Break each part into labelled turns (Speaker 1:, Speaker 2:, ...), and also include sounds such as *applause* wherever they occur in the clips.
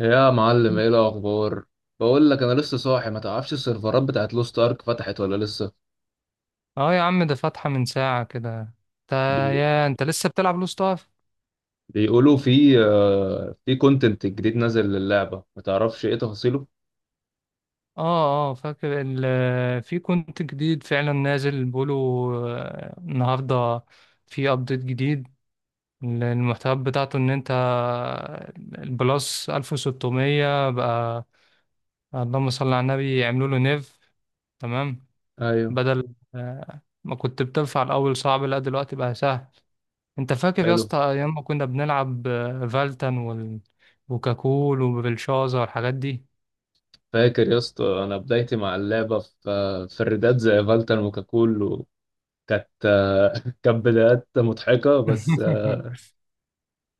Speaker 1: يا معلم، ايه الاخبار؟ بقول لك انا لسه صاحي، ما تعرفش السيرفرات بتاعت لوست ارك فتحت ولا لسه؟
Speaker 2: اه، يا عم، ده فاتحة من ساعة كده. انت
Speaker 1: بي...
Speaker 2: يا انت لسه بتلعب لوست ارك؟
Speaker 1: بيقولوا في كونتنت جديد نازل للعبه، ما تعرفش ايه تفاصيله؟
Speaker 2: اه، اه، فاكر في كونت جديد فعلا نازل، بيقولوا النهاردة في ابديت جديد. المحتوى بتاعته ان انت البلس 1600 بقى. اللهم صل على النبي، يعملوا له نيف. تمام.
Speaker 1: ايوه،
Speaker 2: بدل ما كنت بترفع الاول صعب، لا دلوقتي بقى سهل. انت فاكر يا
Speaker 1: حلو.
Speaker 2: اسطى ايام ما كنا بنلعب فالتن وكاكول وبلشازا والحاجات دي؟
Speaker 1: فاكر يا اسطى انا بدايتي مع اللعبه في الريدات زي فالتر وكاكول، كانت *laughs* كانت بدايات مضحكه، بس آه،
Speaker 2: *laughs*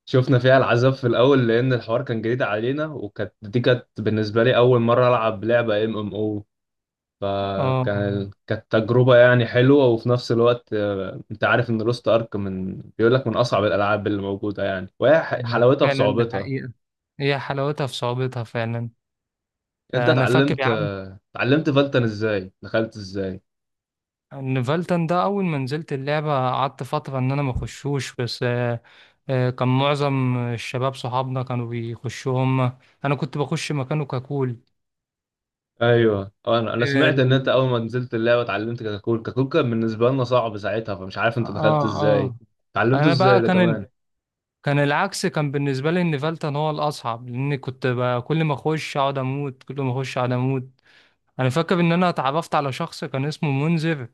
Speaker 1: شفنا فيها العذاب في الاول لان الحوار كان جديد علينا، وكانت دي بالنسبه لي اول مره العب لعبه ام ام او.
Speaker 2: اه،
Speaker 1: كانت تجربة يعني حلوة، وفي نفس الوقت انت عارف ان لوست ارك من بيقول لك من اصعب الالعاب اللي موجودة يعني، وهي حلاوتها في
Speaker 2: فعلا، ده
Speaker 1: صعوبتها.
Speaker 2: حقيقة. هي حلاوتها في صعوبتها فعلا.
Speaker 1: انت
Speaker 2: انا فاكر
Speaker 1: اتعلمت
Speaker 2: يا عم
Speaker 1: اتعلمت فالتن ازاي، دخلت ازاي؟
Speaker 2: ان فالتن ده اول ما نزلت اللعبة قعدت فترة ان انا ما اخشوش بس. آه، كان معظم الشباب صحابنا كانوا بيخشوا هم، انا كنت بخش مكانه كاكول.
Speaker 1: ايوه، انا سمعت ان انت
Speaker 2: اه،
Speaker 1: اول ما نزلت اللعبة اتعلمت كاكول. كاكول كان بالنسبة لنا صعب ساعتها، فمش عارف
Speaker 2: اه،
Speaker 1: انت دخلت ازاي،
Speaker 2: آه.
Speaker 1: اتعلمته
Speaker 2: انا
Speaker 1: ازاي
Speaker 2: بقى
Speaker 1: ده
Speaker 2: كان
Speaker 1: كمان.
Speaker 2: ال... كان العكس، كان بالنسبة لي ان فالتن هو الاصعب، لان كنت كل ما اخش اقعد اموت، كل ما اخش اقعد اموت. انا فاكر ان انا اتعرفت على شخص كان اسمه منذر،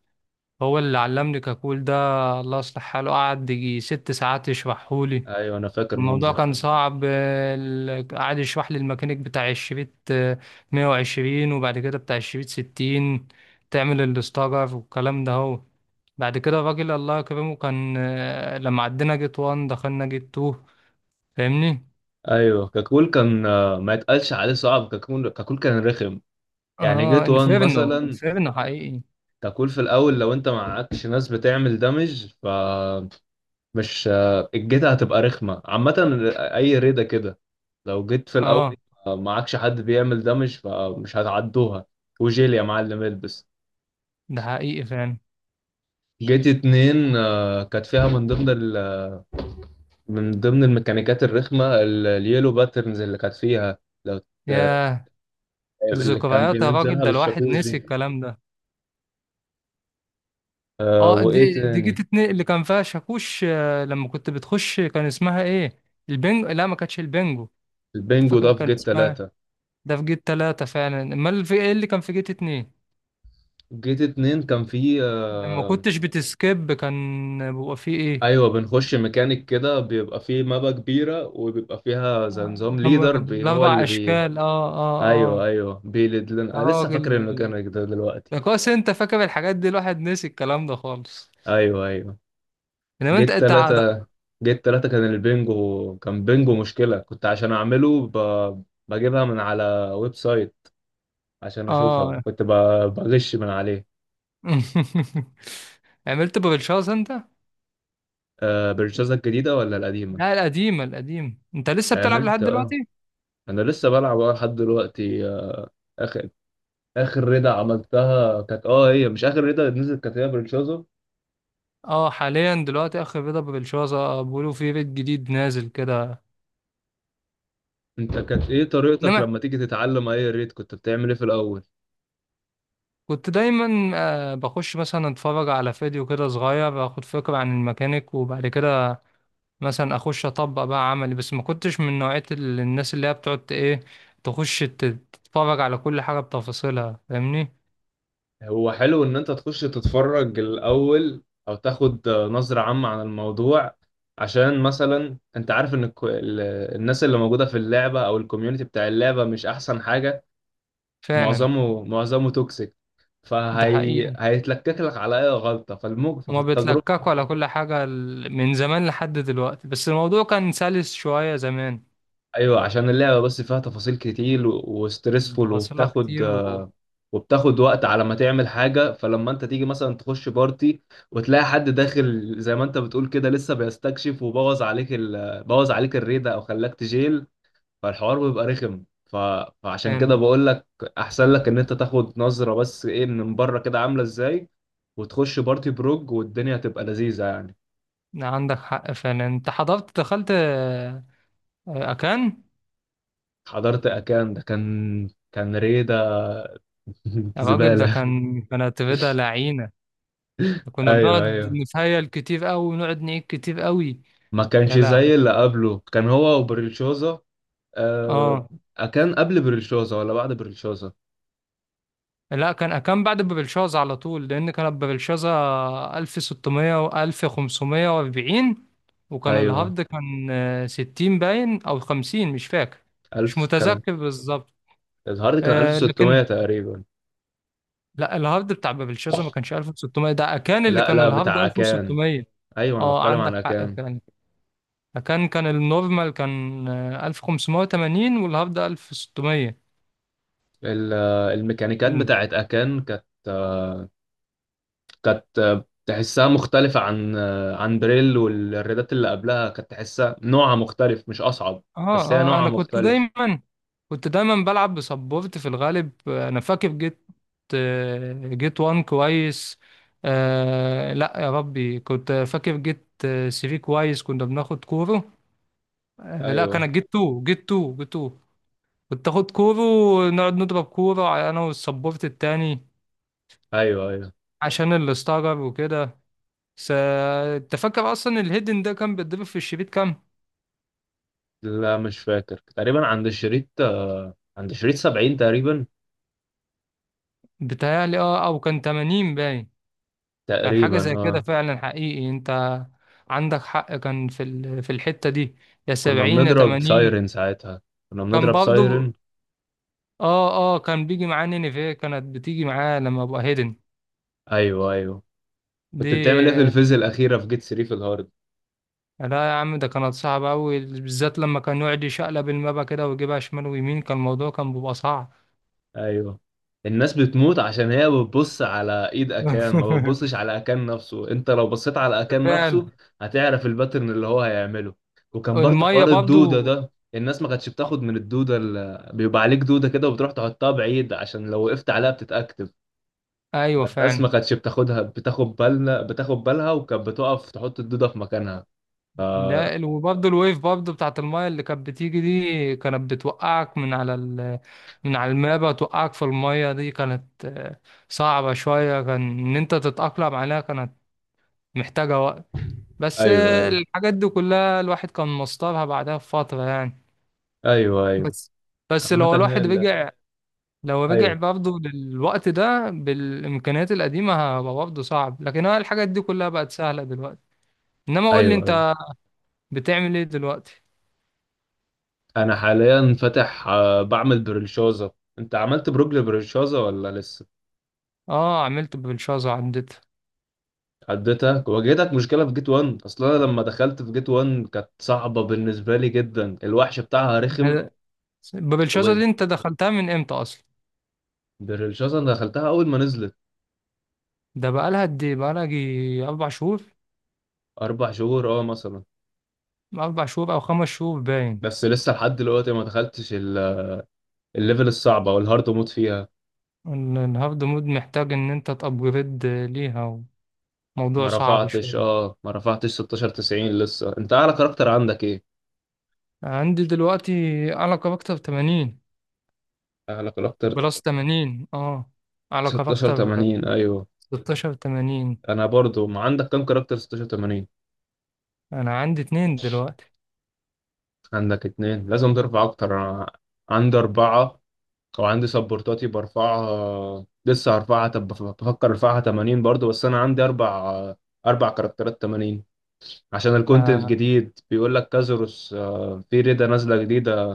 Speaker 2: هو اللي علمني كاكول ده. الله يصلح حاله، قعد يجي ست ساعات يشرحهولي.
Speaker 1: ايوه، انا فاكر
Speaker 2: الموضوع
Speaker 1: منظر.
Speaker 2: كان صعب، قعد يشرح لي الميكانيك بتاع الشريط 120، وبعد كده بتاع الشريط 60، تعمل الاستارر والكلام ده. هو بعد كده الراجل الله يكرمه كان، لما عدينا جيت 1 دخلنا جيت 2. فاهمني؟
Speaker 1: ايوه، كاكول كان ما يتقالش عليه صعب. كاكول كاكول كان رخم يعني.
Speaker 2: اه،
Speaker 1: جيت وان
Speaker 2: انفيرنو
Speaker 1: مثلا،
Speaker 2: انفيرنو حقيقي.
Speaker 1: ككول في الاول لو انت معكش ناس بتعمل دمج، فمش الجيت هتبقى رخمه عامه. اي ريده كده، لو جيت في الاول
Speaker 2: اه،
Speaker 1: معكش حد بيعمل دمج، فمش هتعدوها. وجيل يا معلم البس.
Speaker 2: ده حقيقي فعلا.
Speaker 1: جيت اتنين كانت فيها من ضمن من ضمن الميكانيكات الرخمه، اليلو باترنز اللي كانت فيها. لو آه،
Speaker 2: ياه، ده
Speaker 1: اللي كان
Speaker 2: ذكريات يا راجل،
Speaker 1: بينزلها
Speaker 2: ده الواحد
Speaker 1: بالشاكوش
Speaker 2: نسي
Speaker 1: دي،
Speaker 2: الكلام ده. اه،
Speaker 1: وايه
Speaker 2: دي
Speaker 1: تاني؟
Speaker 2: جيت اتنين اللي كان فيها شاكوش، لما كنت بتخش، كان اسمها ايه؟ البنجو؟ لا ما كانتش البنجو. انت
Speaker 1: البنجو
Speaker 2: فاكر
Speaker 1: ده في
Speaker 2: كان
Speaker 1: جيت
Speaker 2: اسمها؟
Speaker 1: تلاتة.
Speaker 2: ده في جيت تلاتة فعلا. امال في ايه اللي كان في جيت اتنين؟
Speaker 1: جيت اتنين كان فيه
Speaker 2: لما كنتش بتسكيب، كان بيبقى فيه ايه؟
Speaker 1: ايوه، بنخش ميكانيك كده، بيبقى فيه مابا كبيره، وبيبقى فيها زي نظام
Speaker 2: كان
Speaker 1: ليدر
Speaker 2: بيبقى
Speaker 1: بي، هو
Speaker 2: الاربع
Speaker 1: اللي بي.
Speaker 2: اشكال، اه، اه.
Speaker 1: ايوه،
Speaker 2: اه،
Speaker 1: ايوه، بيلد لنا.
Speaker 2: يا
Speaker 1: أنا لسه فاكر
Speaker 2: راجل،
Speaker 1: الميكانيك ده دلوقتي.
Speaker 2: ده كويس انت فاكر الحاجات دي، الواحد نسي الكلام ده خالص.
Speaker 1: ايوه، ايوه.
Speaker 2: انما انت
Speaker 1: جيت
Speaker 2: انت عاد-
Speaker 1: تلاتة، جيت تلاتة كان البنجو. كان بنجو مشكله، كنت عشان اعمله بجيبها من على ويب سايت عشان اشوفها،
Speaker 2: اه.
Speaker 1: كنت بغش من عليه.
Speaker 2: *laughs* عملت بابلشاز انت؟
Speaker 1: أه، برشازة الجديده ولا القديمه؟
Speaker 2: لا، القديمة. القديم انت لسه بتلعب
Speaker 1: عملت،
Speaker 2: لحد دلوقتي؟
Speaker 1: اه. انا لسه بلعب لحد دلوقتي. اخر رضا عملتها كانت، اه، هي مش اخر رضا نزلت، كانت هي برشازو.
Speaker 2: اه، حاليا دلوقتي اخر بيضة بابلشاز. اه، بيقولوا في بيت جديد نازل كده.
Speaker 1: انت كانت ايه طريقتك
Speaker 2: انما
Speaker 1: لما تيجي تتعلم اي ريت، كنت بتعمل ايه في الاول؟
Speaker 2: كنت دايما بخش مثلا اتفرج على فيديو كده صغير، باخد فكرة عن الميكانيك، وبعد كده مثلا اخش اطبق بقى عملي. بس ما كنتش من نوعية الناس اللي هي بتقعد ايه، تخش تتفرج على كل حاجة بتفاصيلها. فاهمني؟
Speaker 1: هو حلو ان انت تخش تتفرج الاول او تاخد نظرة عامة عن الموضوع، عشان مثلا انت عارف ان الناس اللي موجودة في اللعبة او الكوميونتي بتاع اللعبة مش احسن حاجة.
Speaker 2: فعلا،
Speaker 1: معظمه توكسيك،
Speaker 2: ده
Speaker 1: فهي
Speaker 2: حقيقة.
Speaker 1: هيتلكك لك على اي غلطة ففي
Speaker 2: وما بيتلككوا
Speaker 1: التجربة.
Speaker 2: على كل حاجة من زمان لحد دلوقتي، بس الموضوع كان سلس شوية زمان.
Speaker 1: ايوه، عشان اللعبه بس فيها تفاصيل كتير وستريسفول،
Speaker 2: تفاصيلها كتير
Speaker 1: وبتاخد وقت على ما تعمل حاجه. فلما انت تيجي مثلا تخش بارتي وتلاقي حد داخل زي ما انت بتقول كده لسه بيستكشف، بوظ عليك الريده او خلاك تجيل، فالحوار بيبقى رخم. فعشان كده
Speaker 2: فعلا.
Speaker 1: بقول لك، احسن لك ان انت تاخد نظره بس ايه من بره كده عامله ازاي، وتخش بارتي بروج والدنيا تبقى لذيذه يعني.
Speaker 2: عندك حق فعلا، انت حضرت دخلت اكان؟
Speaker 1: حضرت اكان، ده كان ريده *laughs*
Speaker 2: يا راجل، ده
Speaker 1: زباله.
Speaker 2: كانت رضا لعينة. كنا
Speaker 1: ايوه،
Speaker 2: بنقعد
Speaker 1: ايوه،
Speaker 2: نتهيل كتير قوي، ونقعد نعيد كتير قوي.
Speaker 1: ما
Speaker 2: يا
Speaker 1: كانش
Speaker 2: لهوي.
Speaker 1: زي اللي قبله، كان هو وبريلشوزا. آه
Speaker 2: اه.
Speaker 1: كان قبل بريلشوزا ولا بعد بريلشوزا؟
Speaker 2: لا كان بعد بابلشازا على طول، لان كانت بابلشازا 1600 و 1540. وكان
Speaker 1: ايوه،
Speaker 2: الهارد كان 60 باين او 50، مش فاكر. مش
Speaker 1: ألف كان.
Speaker 2: متذكر بالظبط.
Speaker 1: الهارد كان 1600
Speaker 2: لكن
Speaker 1: تقريبا.
Speaker 2: لا، الهارد بتاع بابلشازا ما كانش 1600، ده كان اللي
Speaker 1: لا،
Speaker 2: كان
Speaker 1: لا،
Speaker 2: الهارد
Speaker 1: بتاع أكان.
Speaker 2: 1600.
Speaker 1: ايوه، انا
Speaker 2: اه
Speaker 1: بتكلم عن
Speaker 2: عندك حق
Speaker 1: أكان.
Speaker 2: فعلا. كان النورمال كان 1580، والهارد 1600.
Speaker 1: الميكانيكات بتاعت أكان كانت، تحسها مختلفة عن عن بريل، والريدات اللي قبلها كانت تحسها نوعها مختلف، مش أصعب،
Speaker 2: اه،
Speaker 1: بس هي
Speaker 2: اه.
Speaker 1: نوعها
Speaker 2: انا كنت
Speaker 1: مختلف.
Speaker 2: دايما كنت دايما بلعب بسبورت في الغالب. انا فاكر جيت جيت وان كويس. آه لا يا ربي، كنت فاكر جيت 3 كويس، كنا بناخد كورة. آه لا،
Speaker 1: ايوه،
Speaker 2: كان جيت 2، جيت 2، جيت 2. كنت اخد كورة ونقعد نضرب كورة انا والسبورت التاني،
Speaker 1: ايوه، ايوه.
Speaker 2: عشان الاستغرب وكده. س... انت فاكر اصلا الهيدن ده كان بيتضرب في الشريط كام؟
Speaker 1: لا، مش فاكر. تقريبا عند الشريط عند شريط 70 تقريبا.
Speaker 2: بتهيألي اه، او كان 80 باين. كان حاجة زي كده
Speaker 1: اه.
Speaker 2: فعلا، حقيقي انت عندك حق. كان في في الحتة دي، يا
Speaker 1: كنا
Speaker 2: سبعين يا
Speaker 1: بنضرب
Speaker 2: تمانين.
Speaker 1: سايرن ساعتها، كنا
Speaker 2: كان
Speaker 1: بنضرب
Speaker 2: برضه،
Speaker 1: سايرن.
Speaker 2: اه، اه، كان بيجي معاه نينيفيه، كانت بتيجي معاه لما ابقى هيدن
Speaker 1: ايوه، ايوه.
Speaker 2: دي.
Speaker 1: كنت بتعمل ايه في الفيز الاخيره في جيت 3 في الهارد؟
Speaker 2: لا يا عم، ده كانت صعبة أوي، بالذات لما كان يقعد يشقلب المابا كده ويجيبها شمال ويمين، كان الموضوع كان بيبقى صعب.
Speaker 1: ايوه، الناس بتموت عشان هي بتبص على ايد اكان، ما بتبصش
Speaker 2: *laughs*
Speaker 1: على اكان نفسه. انت لو بصيت على اكان
Speaker 2: فعلا،
Speaker 1: نفسه هتعرف الباترن اللي هو هيعمله. وكان برضه
Speaker 2: المية
Speaker 1: حوار الدوده
Speaker 2: برضه.
Speaker 1: ده، الناس ما كانتش بتاخد من الدوده، اللي بيبقى عليك دوده كده وبتروح تحطها بعيد عشان لو وقفت عليها بتتاكتف.
Speaker 2: أيوة
Speaker 1: الناس
Speaker 2: فعلا.
Speaker 1: ما كانتش بتاخدها، بتاخد بالها، وكانت بتقف تحط الدودة في مكانها ف...
Speaker 2: ده، وبرضه الويف برضه بتاعت المايه اللي كانت بتيجي دي، كانت بتوقعك من على من على المابة، توقعك في المايه. دي كانت صعبة شوية، كان إن أنت تتأقلم عليها كانت محتاجة وقت. بس
Speaker 1: ايوه، ايوه،
Speaker 2: الحاجات دي كلها الواحد كان مصطبها بعدها بفترة يعني.
Speaker 1: ايوه، ايوه.
Speaker 2: بس بس
Speaker 1: عامة
Speaker 2: لو
Speaker 1: هي
Speaker 2: الواحد رجع، لو رجع
Speaker 1: ايوه،
Speaker 2: برضه للوقت ده بالإمكانيات القديمة، هيبقى برضه صعب. لكن هو الحاجات دي كلها بقت سهلة دلوقتي. إنما قول لي
Speaker 1: ايوه، ايوه.
Speaker 2: أنت، بتعمل إيه دلوقتي؟
Speaker 1: انا حاليا فاتح، بعمل بريلشوزة. انت عملت بروج لبريلشوزة ولا لسه؟
Speaker 2: اه عملت بالشازا، عدتها.
Speaker 1: عدتها؟ واجهتك مشكلة في جيت 1 اصلا؟ انا لما دخلت في جيت 1 كانت صعبة بالنسبة لي جدا، الوحش بتاعها رخم.
Speaker 2: هذا- باب شازا دي انت دخلتها من امتى اصلا؟
Speaker 1: وبريلشوزة انا دخلتها اول ما نزلت.
Speaker 2: ده بقالها قد ايه؟ بقالها جي اربع شهور.
Speaker 1: اربع شهور، اه، مثلا.
Speaker 2: اربع شهور او خمس شهور باين.
Speaker 1: بس لسه لحد دلوقتي ما دخلتش الليفل الصعبة والهارد موت فيها.
Speaker 2: الهارد مود محتاج ان انت تابجريد ليها، وموضوع صعب شوية.
Speaker 1: ما رفعتش 16 90 لسه. انت اعلى كاركتر عندك ايه؟
Speaker 2: عندي دلوقتي على كاركتر 80.
Speaker 1: اعلى كاركتر
Speaker 2: بلس 80، اه. على
Speaker 1: 16
Speaker 2: كاركتر
Speaker 1: 80؟ ايوه.
Speaker 2: 1680.
Speaker 1: انا برضو، ما عندك كام كاركتر 16 80؟
Speaker 2: انا عندي اتنين دلوقتي.
Speaker 1: عندك اتنين، لازم ترفع اكتر. أنا عندي اربعة، او عندي سبورتاتي برفعها لسه هرفعها. طب بفكر ارفعها 80 برضو. بس انا عندي اربع كاركترات 80. عشان الكونتنت
Speaker 2: آه،
Speaker 1: جديد، بيقول لك كازاروس في ريدة نازلة جديدة،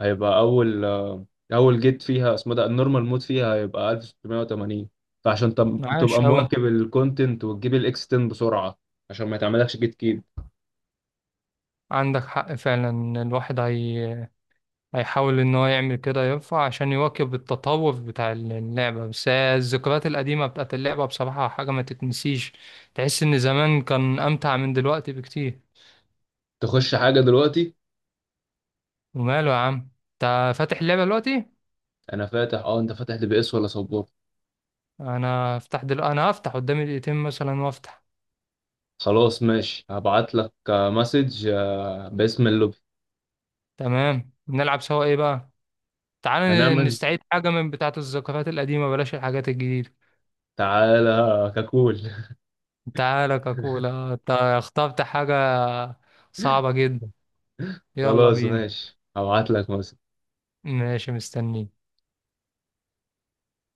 Speaker 1: هيبقى اول جيت فيها اسمه، ده النورمال مود فيها هيبقى 1680. فعشان
Speaker 2: عاش
Speaker 1: تبقى
Speaker 2: اوي.
Speaker 1: مواكب الكونتنت وتجيب الاكس 10 بسرعه، عشان ما يتعملكش جيت كيب.
Speaker 2: عندك حق فعلا، الواحد هيحاول إن هو يعمل كده، ينفع عشان يواكب التطور بتاع اللعبة. بس هي الذكريات القديمة بتاعت اللعبة بصراحة حاجة ما تتنسيش. تحس إن زمان كان أمتع من دلوقتي بكتير.
Speaker 1: تخش حاجه دلوقتي؟
Speaker 2: وماله يا عم؟ أنت فاتح اللعبة دلوقتي؟
Speaker 1: انا فاتح، اه. انت فاتح دي بي اس ولا سبورت؟
Speaker 2: أنا هفتح قدامي دقيقتين مثلا وأفتح.
Speaker 1: خلاص، ماشي، هبعت لك مسج باسم اللوبي.
Speaker 2: تمام، نلعب سوا. إيه بقى؟ تعال
Speaker 1: هنعمل،
Speaker 2: نستعيد حاجة من بتاعة الذكريات القديمة، بلاش الحاجات الجديدة.
Speaker 1: تعالى ككول.
Speaker 2: تعالى كاكولا؟ أنت اخترت حاجة صعبة جدا.
Speaker 1: *laughs*
Speaker 2: يلا
Speaker 1: خلاص،
Speaker 2: بينا.
Speaker 1: ماشي، هبعت لك مسج.
Speaker 2: ماشي، مستنيك.